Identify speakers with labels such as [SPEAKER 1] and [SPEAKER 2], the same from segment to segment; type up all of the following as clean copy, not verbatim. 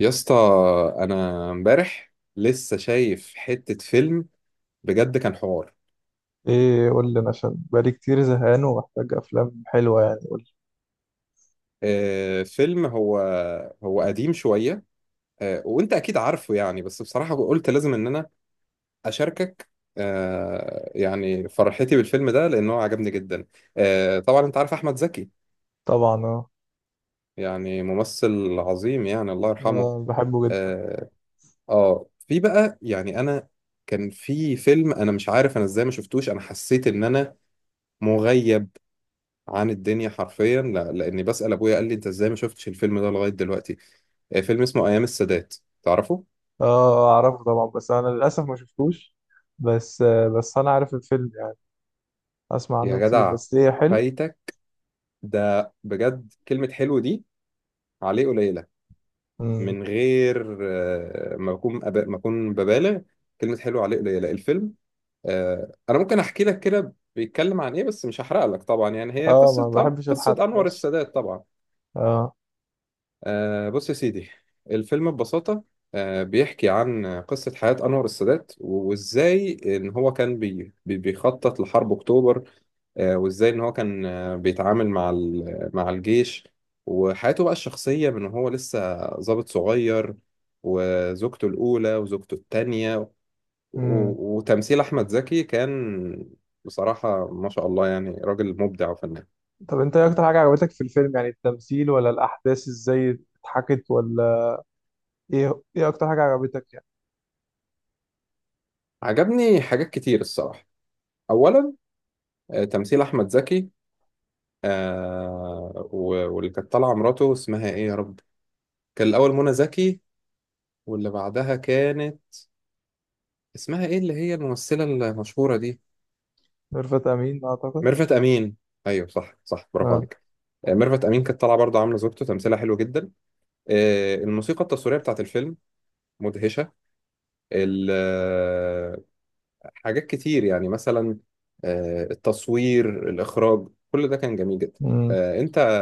[SPEAKER 1] يا اسطى، انا امبارح لسه شايف حتة فيلم. بجد كان حوار.
[SPEAKER 2] ايه، قول لي انا عشان بقالي كتير زهقان ومحتاج افلام حلوه، يعني قول لي.
[SPEAKER 1] فيلم، هو قديم شوية. وانت اكيد عارفه يعني، بس بصراحة قلت لازم ان انا اشاركك. يعني فرحتي بالفيلم ده لانه عجبني جدا. طبعا انت عارف احمد زكي،
[SPEAKER 2] طبعا اه.
[SPEAKER 1] يعني ممثل عظيم، يعني الله يرحمه.
[SPEAKER 2] آه، بحبه جدا.
[SPEAKER 1] اه. في بقى يعني انا، كان في فيلم انا مش عارف انا ازاي ما شفتوش، انا حسيت ان انا مغيب عن الدنيا حرفيا. لا، لاني بسأل ابويا قال لي انت ازاي ما شفتش الفيلم ده لغاية دلوقتي. فيلم اسمه ايام السادات، تعرفه؟
[SPEAKER 2] اه. آه، اعرفه طبعا بس انا للاسف ما شفتوش. بس بس انا عارف الفيلم يعني، اسمع
[SPEAKER 1] يا
[SPEAKER 2] عنه كتير،
[SPEAKER 1] جدع
[SPEAKER 2] بس ايه، حلو.
[SPEAKER 1] فايتك، ده بجد كلمة حلو دي عليه قليلة.
[SPEAKER 2] امم
[SPEAKER 1] من غير ما اكون ببالغ، كلمة حلو عليه قليلة الفيلم. انا ممكن احكي لك كده بيتكلم عن ايه، بس مش هحرق لك طبعا. يعني هي
[SPEAKER 2] اه، ما بحبش
[SPEAKER 1] قصة
[SPEAKER 2] الحرق،
[SPEAKER 1] انور
[SPEAKER 2] ماشي.
[SPEAKER 1] السادات طبعا.
[SPEAKER 2] اه.
[SPEAKER 1] بص يا سيدي، الفيلم ببساطة بيحكي عن قصة حياة أنور السادات، وإزاي إن هو كان بيخطط لحرب أكتوبر. وإزاي إن هو كان بيتعامل مع مع الجيش. وحياته بقى الشخصية من هو لسه ضابط صغير، وزوجته الأولى وزوجته التانية.
[SPEAKER 2] امم
[SPEAKER 1] وتمثيل أحمد زكي كان بصراحة ما شاء الله، يعني راجل مبدع وفنان.
[SPEAKER 2] طب انت ايه اكتر حاجه عجبتك في الفيلم، يعني التمثيل ولا الاحداث، ازاي اتحكت، ولا ايه اكتر حاجه عجبتك يعني؟
[SPEAKER 1] عجبني حاجات كتير الصراحة. أولا، تمثيل أحمد زكي. واللي كانت طالعة مراته اسمها ايه يا رب؟ كان الأول منى زكي، واللي بعدها كانت اسمها ايه اللي هي الممثلة المشهورة دي؟
[SPEAKER 2] ميرفت امين اعتقد.
[SPEAKER 1] ميرفت أمين، ايوه صح صح، برافو
[SPEAKER 2] اه.
[SPEAKER 1] عليك. ميرفت أمين كانت طالعة برضه عاملة زوجته، تمثيلها حلو جدا. الموسيقى التصويرية بتاعت الفيلم مدهشة. ال- آه، حاجات كتير يعني، مثلا التصوير، الإخراج، كل ده كان جميل جدا.
[SPEAKER 2] مم.
[SPEAKER 1] انت،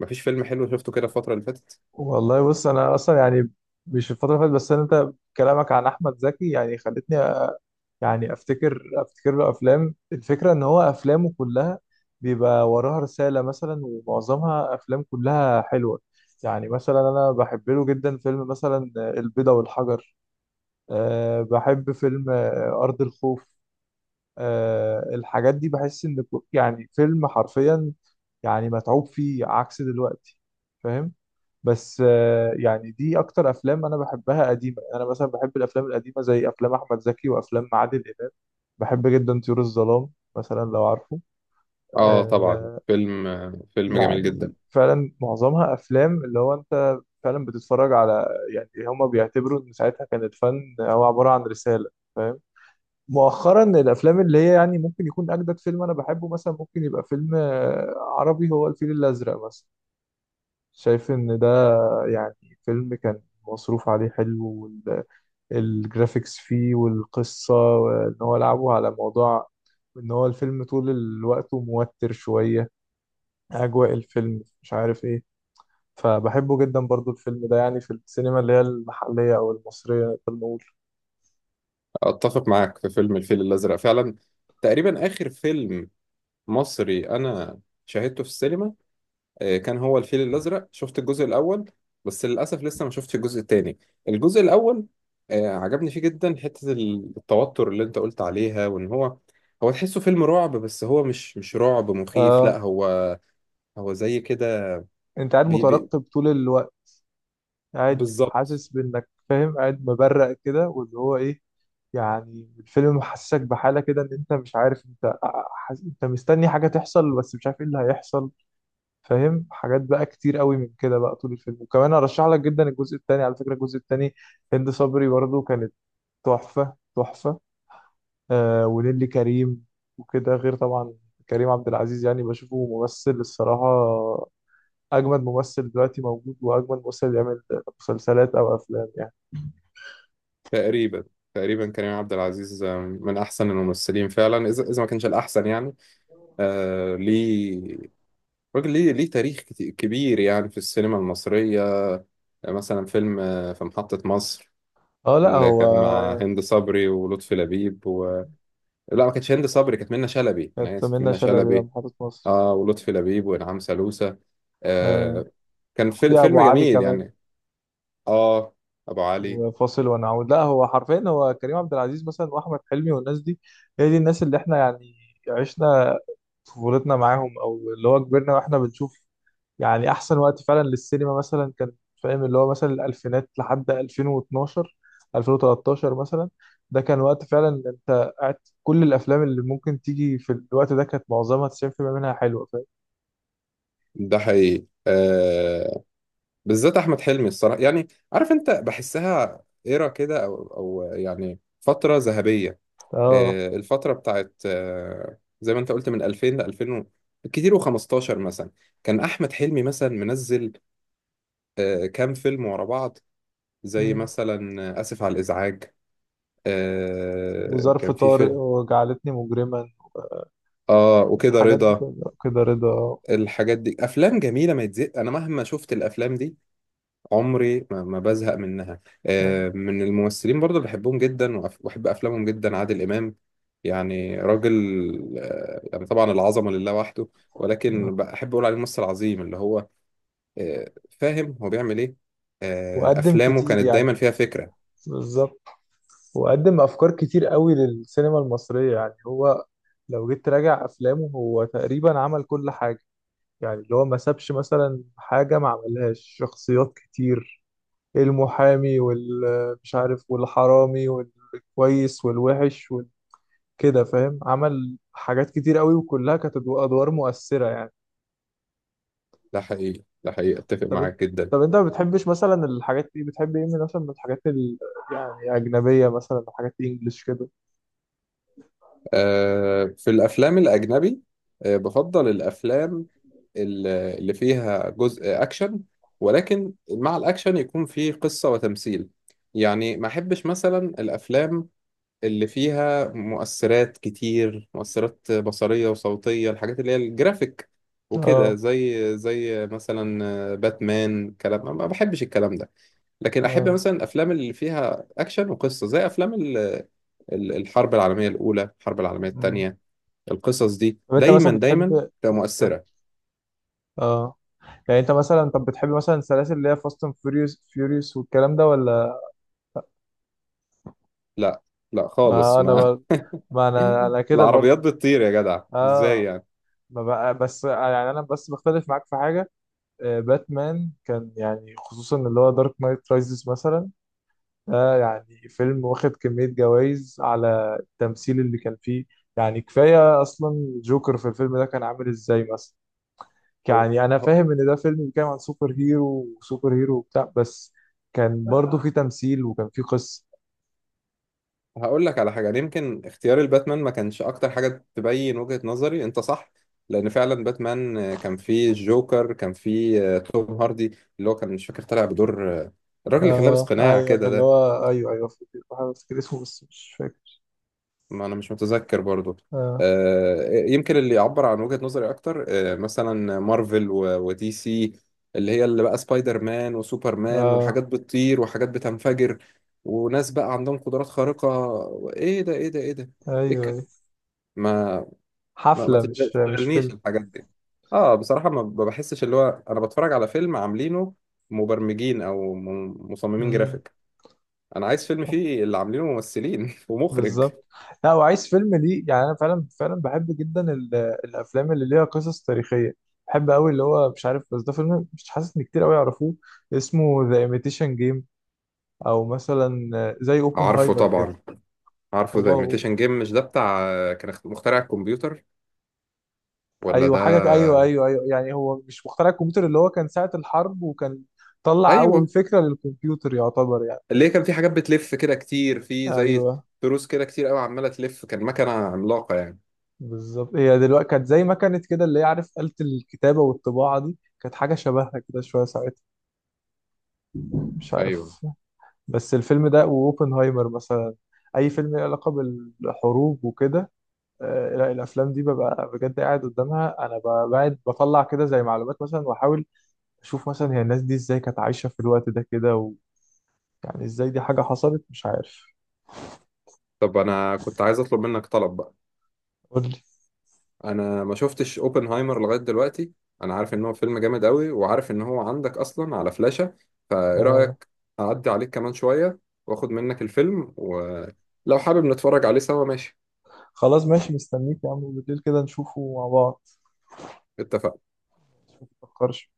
[SPEAKER 1] مفيش فيلم حلو شفته كده الفترة اللي فاتت.
[SPEAKER 2] والله بص، انا اصلا يعني مش الفتره اللي فاتت بس، انت كلامك عن احمد زكي يعني خلتني يعني افتكر، له افلام. الفكره ان هو افلامه كلها بيبقى وراها رساله مثلا، ومعظمها افلام كلها حلوه. يعني مثلا انا بحب له جدا فيلم مثلا البيضه والحجر. أه، بحب فيلم ارض الخوف. أه، الحاجات دي بحس ان يعني فيلم حرفيا يعني متعوب فيه، عكس دلوقتي. فاهم؟ بس يعني دي اكتر افلام انا بحبها قديمه. يعني انا مثلا بحب الافلام القديمه زي افلام احمد زكي وافلام عادل امام. بحب جدا طيور الظلام مثلا، لو عارفه.
[SPEAKER 1] اه طبعا،
[SPEAKER 2] آه.
[SPEAKER 1] فيلم جميل
[SPEAKER 2] يعني
[SPEAKER 1] جدا.
[SPEAKER 2] فعلا معظمها افلام اللي هو انت فعلا بتتفرج على، يعني هما بيعتبروا ان ساعتها كان الفن هو عباره عن رساله. فاهم؟ مؤخرا الافلام اللي هي يعني ممكن يكون اجدد فيلم انا بحبه، مثلا ممكن يبقى فيلم عربي، هو الفيل الازرق مثلا. شايف ان ده يعني فيلم كان مصروف عليه حلو، والجرافيكس فيه والقصة، وان هو لعبه على موضوع ان هو الفيلم طول الوقت موتر شوية. اجواء الفيلم مش عارف ايه، فبحبه جدا برضو الفيلم ده، يعني في السينما اللي هي المحلية او المصرية نقدر نقول.
[SPEAKER 1] اتفق معاك في فيلم الفيل الازرق فعلا. تقريبا اخر فيلم مصري انا شاهدته في السينما، كان هو الفيل الازرق. شفت الجزء الاول، بس للاسف لسه ما شفتش الجزء الثاني. الجزء الاول عجبني فيه جدا حتة التوتر اللي انت قلت عليها، وان هو تحسه فيلم رعب، بس هو مش رعب مخيف، لا،
[SPEAKER 2] آه.
[SPEAKER 1] هو هو زي كده
[SPEAKER 2] انت قاعد
[SPEAKER 1] بي بي
[SPEAKER 2] مترقب طول الوقت، قاعد
[SPEAKER 1] بالظبط.
[SPEAKER 2] حاسس بانك فاهم، قاعد مبرق كده واللي هو ايه. يعني الفيلم محسسك بحالة كده ان انت مش عارف انت، انت مستني حاجة تحصل بس مش عارف ايه اللي هيحصل. فاهم؟ حاجات بقى كتير قوي من كده بقى طول الفيلم. وكمان ارشح لك جدا الجزء الثاني، على فكرة. الجزء الثاني هند صبري برضو كانت تحفة تحفة. آه. ونيلي كريم وكده، غير طبعا كريم عبد العزيز. يعني بشوفه ممثل الصراحة أجمد ممثل دلوقتي موجود، وأجمد ممثل يعمل مسلسلات أو أفلام يعني.
[SPEAKER 1] تقريبا تقريبا كريم عبد العزيز من احسن الممثلين فعلا، اذا ما كانش الاحسن يعني. ليه، راجل ليه، تاريخ كبير يعني في السينما المصريه. مثلا فيلم في محطه مصر،
[SPEAKER 2] اه، لا
[SPEAKER 1] اللي
[SPEAKER 2] هو
[SPEAKER 1] كان مع
[SPEAKER 2] يعني
[SPEAKER 1] هند صبري ولطفي لبيب و... لا، ما كانتش هند صبري، كانت منى شلبي، انا
[SPEAKER 2] كانت
[SPEAKER 1] اسف،
[SPEAKER 2] منة
[SPEAKER 1] منى
[SPEAKER 2] شلبي
[SPEAKER 1] شلبي.
[SPEAKER 2] محطة مصر.
[SPEAKER 1] اه، ولطفي لبيب وانعام سالوسة.
[SPEAKER 2] آه.
[SPEAKER 1] آه كان
[SPEAKER 2] في ابو
[SPEAKER 1] فيلم
[SPEAKER 2] علي
[SPEAKER 1] جميل
[SPEAKER 2] كمان.
[SPEAKER 1] يعني. اه، ابو علي.
[SPEAKER 2] وفاصل ونعود، لا هو حرفيا هو كريم عبد العزيز مثلا، واحمد حلمي والناس دي. هي دي الناس اللي احنا يعني عشنا طفولتنا معاهم، او اللي هو كبرنا واحنا بنشوف. يعني احسن وقت فعلا للسينما مثلا كان، فاهم، اللي هو مثلا الالفينات لحد 2012، 2013 مثلا. ده كان وقت فعلا انت قاعد كل الافلام اللي ممكن تيجي في الوقت ده كانت معظمها 90% منها حلوه. فاهم؟
[SPEAKER 1] ده حقيقي، بالذات احمد حلمي الصراحه، يعني عارف انت بحسها ايرا كده، او يعني فتره ذهبيه.
[SPEAKER 2] اه.
[SPEAKER 1] الفتره بتاعت، زي ما انت قلت، من 2000 ل 2000 كتير و15 مثلا، كان احمد حلمي مثلا منزل كام فيلم ورا بعض، زي
[SPEAKER 2] مم.
[SPEAKER 1] مثلا اسف على الازعاج.
[SPEAKER 2] وظرف
[SPEAKER 1] كان في
[SPEAKER 2] طارق
[SPEAKER 1] فيلم،
[SPEAKER 2] وجعلتني مجرما،
[SPEAKER 1] اه، وكده
[SPEAKER 2] الحاجات دي
[SPEAKER 1] رضا.
[SPEAKER 2] كلها كده رضا.
[SPEAKER 1] الحاجات دي افلام جميله ما يتزق، انا مهما شفت الافلام دي عمري ما بزهق منها. من الممثلين برضه اللي بحبهم جدا وأحب أفلامهم جدا عادل إمام، يعني راجل يعني طبعا العظمة لله وحده، ولكن بحب أقول عليه ممثل عظيم اللي هو فاهم هو بيعمل إيه.
[SPEAKER 2] وقدم
[SPEAKER 1] أفلامه
[SPEAKER 2] كتير
[SPEAKER 1] كانت
[SPEAKER 2] يعني.
[SPEAKER 1] دايما فيها فكرة.
[SPEAKER 2] بالظبط. وقدم افكار كتير قوي للسينما المصريه. يعني هو لو جيت تراجع افلامه، هو تقريبا عمل كل حاجه، يعني اللي هو ما سابش مثلا حاجه ما عملهاش. شخصيات كتير، المحامي والمش عارف والحرامي والكويس والوحش وكده. فاهم؟ عمل حاجات كتير قوي وكلها كانت ادوار مؤثره يعني.
[SPEAKER 1] ده حقيقي ده حقيقي، أتفق
[SPEAKER 2] طب انت،
[SPEAKER 1] معاك جدا.
[SPEAKER 2] ما بتحبش مثلا الحاجات دي؟ بتحب ايه من مثلا من الحاجات يعني اجنبيه مثلا، حاجات انجلش كده.
[SPEAKER 1] في الأفلام الأجنبي بفضل الأفلام اللي فيها جزء اكشن، ولكن مع الاكشن يكون فيه قصة وتمثيل. يعني ما احبش مثلا الافلام اللي فيها مؤثرات كتير، مؤثرات بصرية وصوتية، الحاجات اللي هي الجرافيك وكده،
[SPEAKER 2] اه.
[SPEAKER 1] زي مثلا باتمان كلام، ما بحبش الكلام ده. لكن احب
[SPEAKER 2] اه.
[SPEAKER 1] مثلا الافلام اللي فيها اكشن وقصة، زي افلام الحرب العالمية الاولى، الحرب العالمية
[SPEAKER 2] مم.
[SPEAKER 1] التانية. القصص دي
[SPEAKER 2] طب انت
[SPEAKER 1] دايما
[SPEAKER 2] مثلا بتحب،
[SPEAKER 1] دايما تبقى
[SPEAKER 2] اه كمل.
[SPEAKER 1] مؤثرة.
[SPEAKER 2] اه. يعني انت مثلا طب بتحب مثلا السلاسل اللي هي فاست اند فيوريوس، فيوريوس والكلام ده، ولا؟
[SPEAKER 1] لا لا خالص،
[SPEAKER 2] ما انا
[SPEAKER 1] ما
[SPEAKER 2] بر... ما انا كده
[SPEAKER 1] العربيات
[SPEAKER 2] برضو.
[SPEAKER 1] بتطير يا جدع ازاي
[SPEAKER 2] اه،
[SPEAKER 1] يعني؟
[SPEAKER 2] ما بقى بس، يعني انا بس بختلف معاك في حاجه. آه، باتمان كان يعني، خصوصا اللي هو دارك نايت رايزز مثلا، ده يعني فيلم واخد كمية جوائز على التمثيل اللي كان فيه. يعني كفاية أصلا جوكر في الفيلم ده كان عامل إزاي مثلا.
[SPEAKER 1] هو
[SPEAKER 2] يعني أنا
[SPEAKER 1] هو-
[SPEAKER 2] فاهم إن ده فيلم بيتكلم عن سوبر هيرو وسوبر هيرو وبتاع، بس كان برضه فيه تمثيل وكان فيه قصة.
[SPEAKER 1] هقول لك على حاجه، يعني يمكن اختيار الباتمان ما كانش اكتر حاجه تبين وجهه نظري، انت صح، لان فعلا باتمان كان فيه الجوكر، كان فيه توم هاردي، اللي هو كان مش فاكر طالع بدور الراجل اللي كان لابس
[SPEAKER 2] آه
[SPEAKER 1] قناع
[SPEAKER 2] أيوه،
[SPEAKER 1] كده
[SPEAKER 2] اللي
[SPEAKER 1] ده،
[SPEAKER 2] هو أيوه أيوه، فاكر. بحاول أفتكر اسمه بس مش فاكر.
[SPEAKER 1] ما انا مش متذكر برضو.
[SPEAKER 2] آه.
[SPEAKER 1] يمكن اللي يعبر عن وجهة نظري اكتر مثلا مارفل ودي سي، اللي هي اللي بقى سبايدر مان وسوبر مان
[SPEAKER 2] آه
[SPEAKER 1] وحاجات بتطير وحاجات بتنفجر وناس بقى عندهم قدرات خارقة. ايه ده، ايه ده، ايه ده،
[SPEAKER 2] أيوه
[SPEAKER 1] ايه الكلام؟
[SPEAKER 2] أيوه.
[SPEAKER 1] ما ما
[SPEAKER 2] حفلة مش
[SPEAKER 1] تشغلنيش
[SPEAKER 2] فيلم.
[SPEAKER 1] الحاجات دي. اه بصراحة ما بحسش اللي هو انا بتفرج على فيلم عاملينه مبرمجين او مصممين
[SPEAKER 2] مم.
[SPEAKER 1] جرافيك. انا عايز فيلم فيه اللي عاملينه ممثلين ومخرج.
[SPEAKER 2] بالظبط. لا، وعايز فيلم ليه. يعني انا فعلا فعلا بحب جدا الافلام اللي ليها قصص تاريخيه. بحب قوي اللي هو مش عارف، بس ده فيلم مش حاسس ان كتير قوي يعرفوه، اسمه ذا ايميتيشن جيم، او مثلا زي
[SPEAKER 1] عارفه
[SPEAKER 2] اوبنهايمر كده.
[SPEAKER 1] طبعا، عارفه ده
[SPEAKER 2] هو؟
[SPEAKER 1] imitation game، مش ده بتاع كان مخترع الكمبيوتر ولا
[SPEAKER 2] ايوه
[SPEAKER 1] ده؟
[SPEAKER 2] حاجه، ايوه ايوه ايوه. يعني هو مش مخترع الكمبيوتر، اللي هو كان ساعه الحرب وكان طلع اول
[SPEAKER 1] ايوه،
[SPEAKER 2] فكره للكمبيوتر يعتبر يعني.
[SPEAKER 1] اللي هي كان في حاجات بتلف كده كتير، في زي
[SPEAKER 2] ايوه
[SPEAKER 1] تروس كده كتير قوي عماله تلف، كان مكنه عملاقه يعني.
[SPEAKER 2] بالظبط، هي دلوقتي كانت زي ما كانت كده، اللي هي عارف آلة الكتابه والطباعه دي، كانت حاجه شبهها كده شويه ساعتها، مش
[SPEAKER 1] ايوه.
[SPEAKER 2] عارف. بس الفيلم ده واوبنهايمر مثلا، اي فيلم له علاقه بالحروب وكده، لا الافلام دي ببقى بجد قاعد قدامها انا، بقعد بطلع كده زي معلومات مثلا، واحاول اشوف مثلا هي الناس دي ازاي كانت عايشه في الوقت ده كده، و... يعني ازاي دي حاجه حصلت، مش عارف.
[SPEAKER 1] طب انا كنت عايز اطلب منك طلب بقى.
[SPEAKER 2] قول لي.
[SPEAKER 1] انا ما شفتش اوبنهايمر لغايه دلوقتي، انا عارف ان هو فيلم جامد قوي، وعارف ان هو عندك اصلا على فلاشه، فايه
[SPEAKER 2] آه.
[SPEAKER 1] رايك اعدي عليك كمان شويه، واخد منك الفيلم، ولو حابب نتفرج عليه سوا ماشي؟
[SPEAKER 2] خلاص ماشي، مستنيك يا عم بالليل كده نشوفه مع بعض.
[SPEAKER 1] اتفقنا.
[SPEAKER 2] متفكرش.